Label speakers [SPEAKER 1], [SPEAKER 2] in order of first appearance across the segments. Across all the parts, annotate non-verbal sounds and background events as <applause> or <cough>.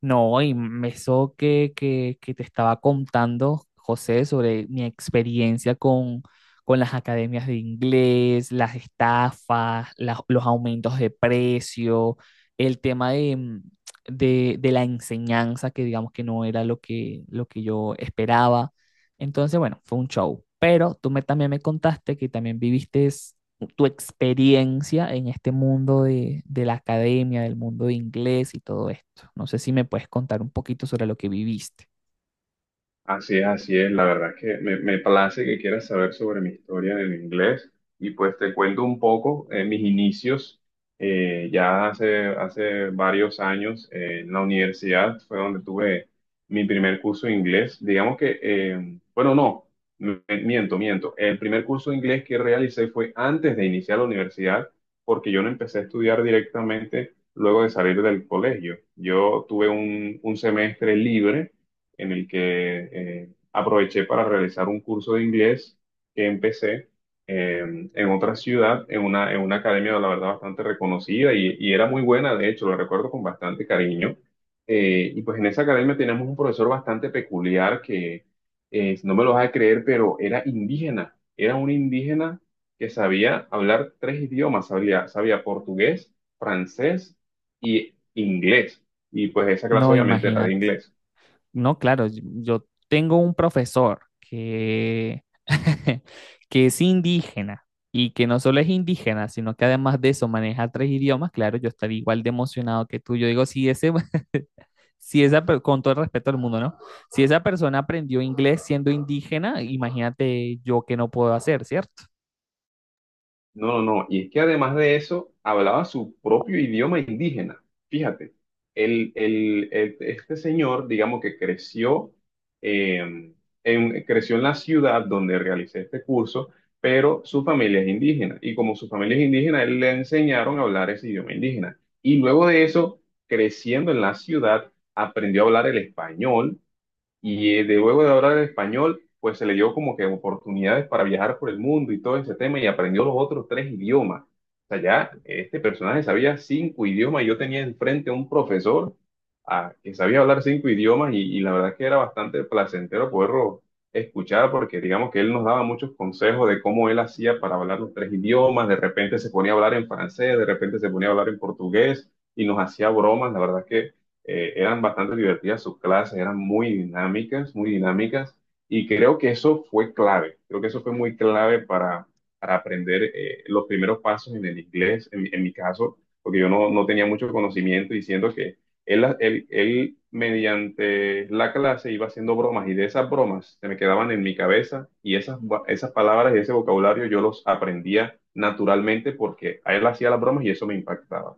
[SPEAKER 1] No, y eso que te estaba contando, José, sobre mi experiencia con las academias de inglés, las estafas, los aumentos de precio, el tema de la enseñanza, que digamos que no era lo lo que yo esperaba. Entonces, bueno, fue un show. Pero también me contaste que también viviste tu experiencia en este mundo la academia, del mundo de inglés y todo esto. No sé si me puedes contar un poquito sobre lo que viviste.
[SPEAKER 2] Así es, así es. La verdad es que me place que quieras saber sobre mi historia en el inglés y pues te cuento un poco mis inicios. Hace varios años en la universidad fue donde tuve mi primer curso de inglés. Digamos que, no, miento. El primer curso de inglés que realicé fue antes de iniciar la universidad porque yo no empecé a estudiar directamente luego de salir del colegio. Yo tuve un semestre libre en el que aproveché para realizar un curso de inglés que empecé eh, en otra ciudad, en una academia, la verdad, bastante reconocida y era muy buena, de hecho, lo recuerdo con bastante cariño. Y pues en esa academia teníamos un profesor bastante peculiar que, si no me lo vas a creer, pero era indígena, era un indígena que sabía hablar tres idiomas, sabía portugués, francés y inglés. Y pues esa clase
[SPEAKER 1] No,
[SPEAKER 2] obviamente era de
[SPEAKER 1] imagínate.
[SPEAKER 2] inglés.
[SPEAKER 1] No, claro, yo tengo un profesor que, <laughs> que es indígena y que no solo es indígena, sino que además de eso maneja tres idiomas. Claro, yo estaría igual de emocionado que tú. Yo digo, si ese, <laughs> si esa, con todo el respeto al mundo, ¿no? Si esa persona aprendió inglés siendo indígena, imagínate yo que no puedo hacer, ¿cierto?
[SPEAKER 2] No, no, no. Y es que además de eso, hablaba su propio idioma indígena. Fíjate, este señor, digamos que creció, eh, creció en la ciudad donde realicé este curso, pero su familia es indígena. Y como su familia es indígena, él le enseñaron a hablar ese idioma indígena. Y luego de eso, creciendo en la ciudad, aprendió a hablar el español y de luego de hablar el español, pues se le dio como que oportunidades para viajar por el mundo y todo ese tema y aprendió los otros tres idiomas. O sea, ya este personaje sabía cinco idiomas y yo tenía enfrente a un profesor que sabía hablar cinco idiomas y la verdad que era bastante placentero poderlo escuchar porque digamos que él nos daba muchos consejos de cómo él hacía para hablar los tres idiomas. De repente se ponía a hablar en francés, de repente se ponía a hablar en portugués y nos hacía bromas. La verdad que eran bastante divertidas sus clases, eran muy dinámicas, y creo que eso fue clave, creo que eso fue muy clave para aprender los primeros pasos en el inglés, en mi caso, porque yo no tenía mucho conocimiento y siento que él mediante la clase iba haciendo bromas y de esas bromas se me quedaban en mi cabeza y esas palabras y ese vocabulario yo los aprendía naturalmente porque a él hacía las bromas y eso me impactaba.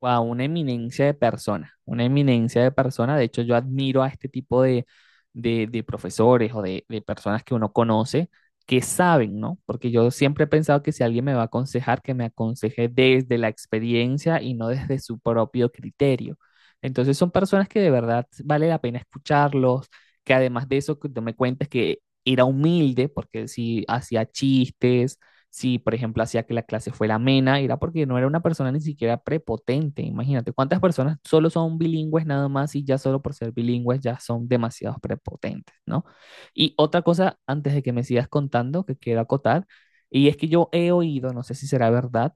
[SPEAKER 1] Wow, una eminencia de persona, una eminencia de persona. De hecho, yo admiro a este tipo de profesores o de personas que uno conoce que saben, ¿no? Porque yo siempre he pensado que si alguien me va a aconsejar, que me aconseje desde la experiencia y no desde su propio criterio. Entonces son personas que de verdad vale la pena escucharlos, que además de eso, que tú me cuentas que era humilde, porque si hacía chistes, si, por ejemplo, hacía que la clase fuera amena, era porque no era una persona ni siquiera prepotente. Imagínate cuántas personas solo son bilingües nada más y ya solo por ser bilingües ya son demasiados prepotentes, ¿no? Y otra cosa, antes de que me sigas contando, que quiero acotar, y es que yo he oído, no sé si será verdad,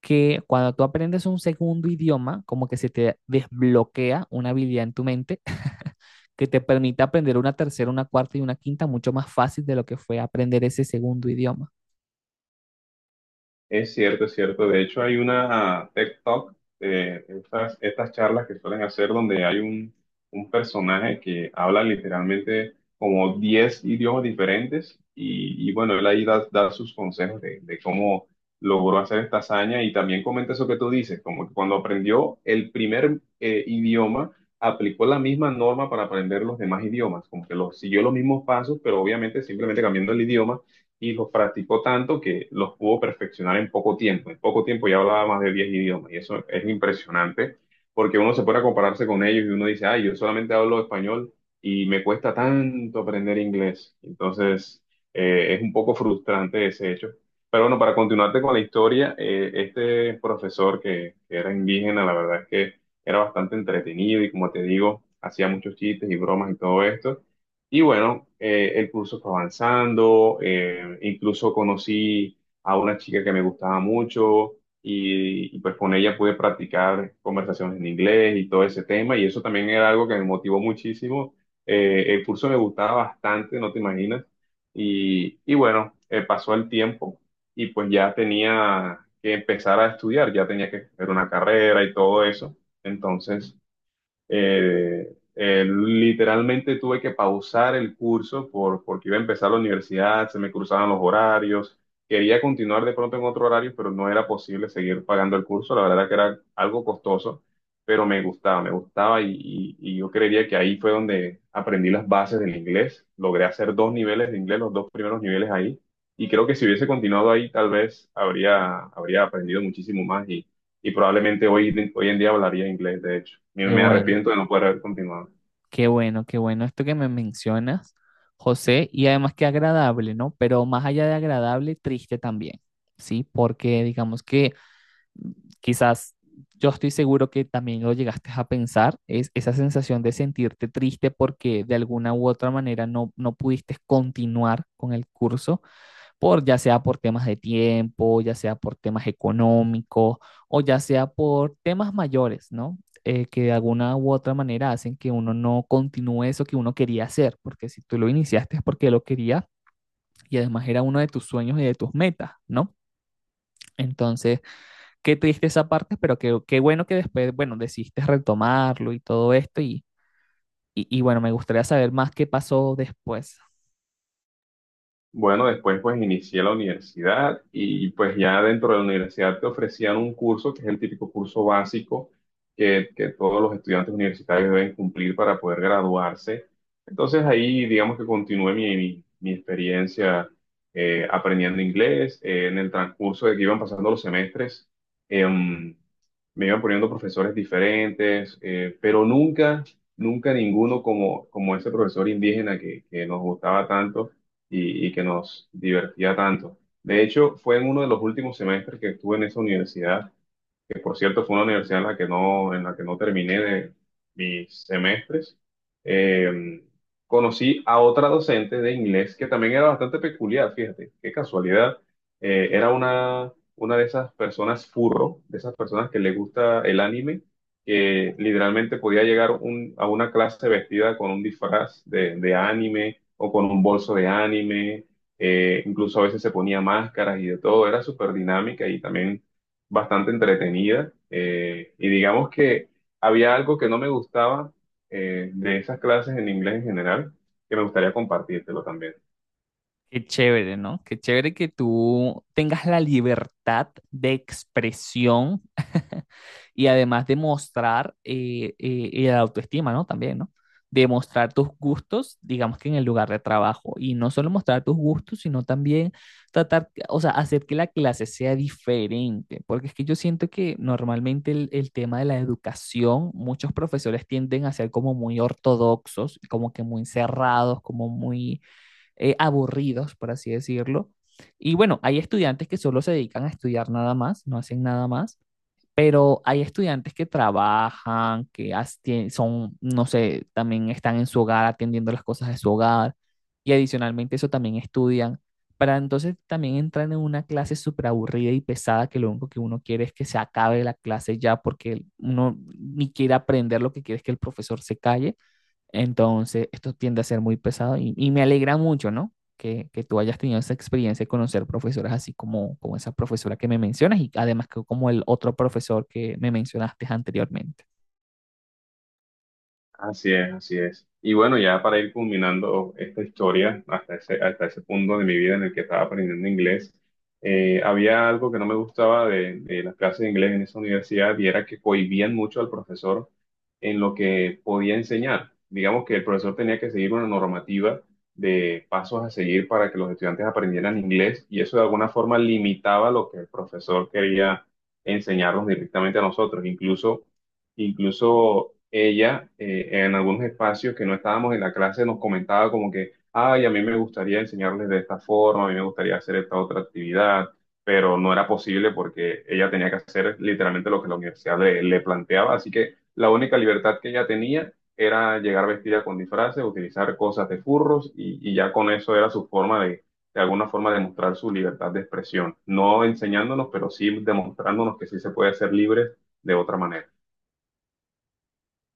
[SPEAKER 1] que cuando tú aprendes un segundo idioma, como que se te desbloquea una habilidad en tu mente que te permite aprender una tercera, una cuarta y una quinta mucho más fácil de lo que fue aprender ese segundo idioma.
[SPEAKER 2] Es cierto, es cierto. De hecho, hay una TED Talk, estas charlas que suelen hacer donde hay un personaje que habla literalmente como 10 idiomas diferentes y bueno, él ahí da, da sus consejos de cómo logró hacer esta hazaña y también comenta eso que tú dices, como que cuando aprendió el primer idioma, aplicó la misma norma para aprender los demás idiomas, como que lo, siguió los mismos pasos, pero obviamente simplemente cambiando el idioma y los practicó tanto que los pudo perfeccionar en poco tiempo. En poco tiempo ya hablaba más de 10 idiomas y eso es impresionante porque uno se pone a compararse con ellos y uno dice, ay, yo solamente hablo español y me cuesta tanto aprender inglés. Entonces, es un poco frustrante ese hecho. Pero bueno, para continuarte con la historia, este profesor que era indígena, la verdad es que era bastante entretenido y como te digo, hacía muchos chistes y bromas y todo esto. Y bueno, el curso fue avanzando, incluso conocí a una chica que me gustaba mucho y pues con ella pude practicar conversaciones en inglés y todo ese tema y eso también era algo que me motivó muchísimo. El curso me gustaba bastante, no te imaginas. Y bueno, pasó el tiempo y pues ya tenía que empezar a estudiar, ya tenía que hacer una carrera y todo eso. Entonces... Literalmente tuve que pausar el curso porque iba a empezar la universidad, se me cruzaban los horarios, quería continuar de pronto en otro horario, pero no era posible seguir pagando el curso, la verdad era que era algo costoso, pero me gustaba y yo creería que ahí fue donde aprendí las bases del inglés, logré hacer dos niveles de inglés, los dos primeros niveles ahí. Y creo que si hubiese continuado ahí, tal vez habría aprendido muchísimo más y probablemente hoy en día hablaría inglés, de hecho.
[SPEAKER 1] Qué
[SPEAKER 2] Me
[SPEAKER 1] bueno.
[SPEAKER 2] arrepiento de no poder haber continuado.
[SPEAKER 1] Qué bueno, qué bueno esto que me mencionas, José, y además qué agradable, ¿no? Pero más allá de agradable, triste también, ¿sí? Porque digamos que quizás yo estoy seguro que también lo llegaste a pensar, es esa sensación de sentirte triste porque de alguna u otra manera no pudiste continuar con el curso por ya sea por temas de tiempo, ya sea por temas económicos o ya sea por temas mayores, ¿no? Que de alguna u otra manera hacen que uno no continúe eso que uno quería hacer, porque si tú lo iniciaste es porque lo quería y además era uno de tus sueños y de tus metas, ¿no? Entonces, qué triste esa parte, pero qué, qué bueno que después, bueno, decidiste retomarlo y todo esto y bueno, me gustaría saber más qué pasó después.
[SPEAKER 2] Bueno, después pues inicié la universidad y pues ya dentro de la universidad te ofrecían un curso que es el típico curso básico que todos los estudiantes universitarios deben cumplir para poder graduarse. Entonces ahí digamos que continué mi experiencia aprendiendo inglés. En el transcurso de que iban pasando los semestres, em, me iban poniendo profesores diferentes, pero nunca, nunca ninguno como, como ese profesor indígena que nos gustaba tanto y que nos divertía tanto. De hecho, fue en uno de los últimos semestres que estuve en esa universidad que por cierto fue una universidad en la que no, en la que no terminé de mis semestres, eh, conocí a otra docente de inglés que también era bastante peculiar, fíjate, qué casualidad. Una de esas personas furro, de esas personas que le gusta el anime, que literalmente podía a una clase vestida con un disfraz de anime o con un bolso de anime, incluso a veces se ponía máscaras y de todo, era súper dinámica y también bastante entretenida y digamos que había algo que no me gustaba de esas clases en inglés en general, que me gustaría compartírtelo también.
[SPEAKER 1] Qué chévere, ¿no? Qué chévere que tú tengas la libertad de expresión <laughs> y además de mostrar y la autoestima, ¿no? También, ¿no? De mostrar tus gustos, digamos que en el lugar de trabajo. Y no solo mostrar tus gustos, sino también tratar, o sea, hacer que la clase sea diferente. Porque es que yo siento que normalmente el tema de la educación, muchos profesores tienden a ser como muy ortodoxos, como que muy cerrados, como muy aburridos, por así decirlo. Y bueno, hay estudiantes que solo se dedican a estudiar nada más, no hacen nada más, pero hay estudiantes que trabajan, que son, no sé, también están en su hogar atendiendo las cosas de su hogar y adicionalmente eso también estudian. Para entonces también entran en una clase súper aburrida y pesada que lo único que uno quiere es que se acabe la clase ya porque uno ni quiere aprender lo que quiere es que el profesor se calle. Entonces, esto tiende a ser muy pesado y me alegra mucho, ¿no? Que tú hayas tenido esa experiencia de conocer profesoras así como esa profesora que me mencionas y además que como el otro profesor que me mencionaste anteriormente.
[SPEAKER 2] Así es, así es. Y bueno, ya para ir culminando esta historia, hasta ese punto de mi vida en el que estaba aprendiendo inglés, había algo que no me gustaba de las clases de inglés en esa universidad y era que cohibían mucho al profesor en lo que podía enseñar. Digamos que el profesor tenía que seguir una normativa de pasos a seguir para que los estudiantes aprendieran inglés y eso de alguna forma limitaba lo que el profesor quería enseñarnos directamente a nosotros. Incluso ella, en algunos espacios que no estábamos en la clase, nos comentaba como que, ay, a mí me gustaría enseñarles de esta forma, a mí me gustaría hacer esta otra actividad, pero no era posible porque ella tenía que hacer literalmente lo que la universidad le planteaba, así que la única libertad que ella tenía era llegar vestida con disfraces, utilizar cosas de furros y ya con eso era su forma de alguna forma, demostrar su libertad de expresión, no enseñándonos, pero sí demostrándonos que sí se puede ser libres de otra manera.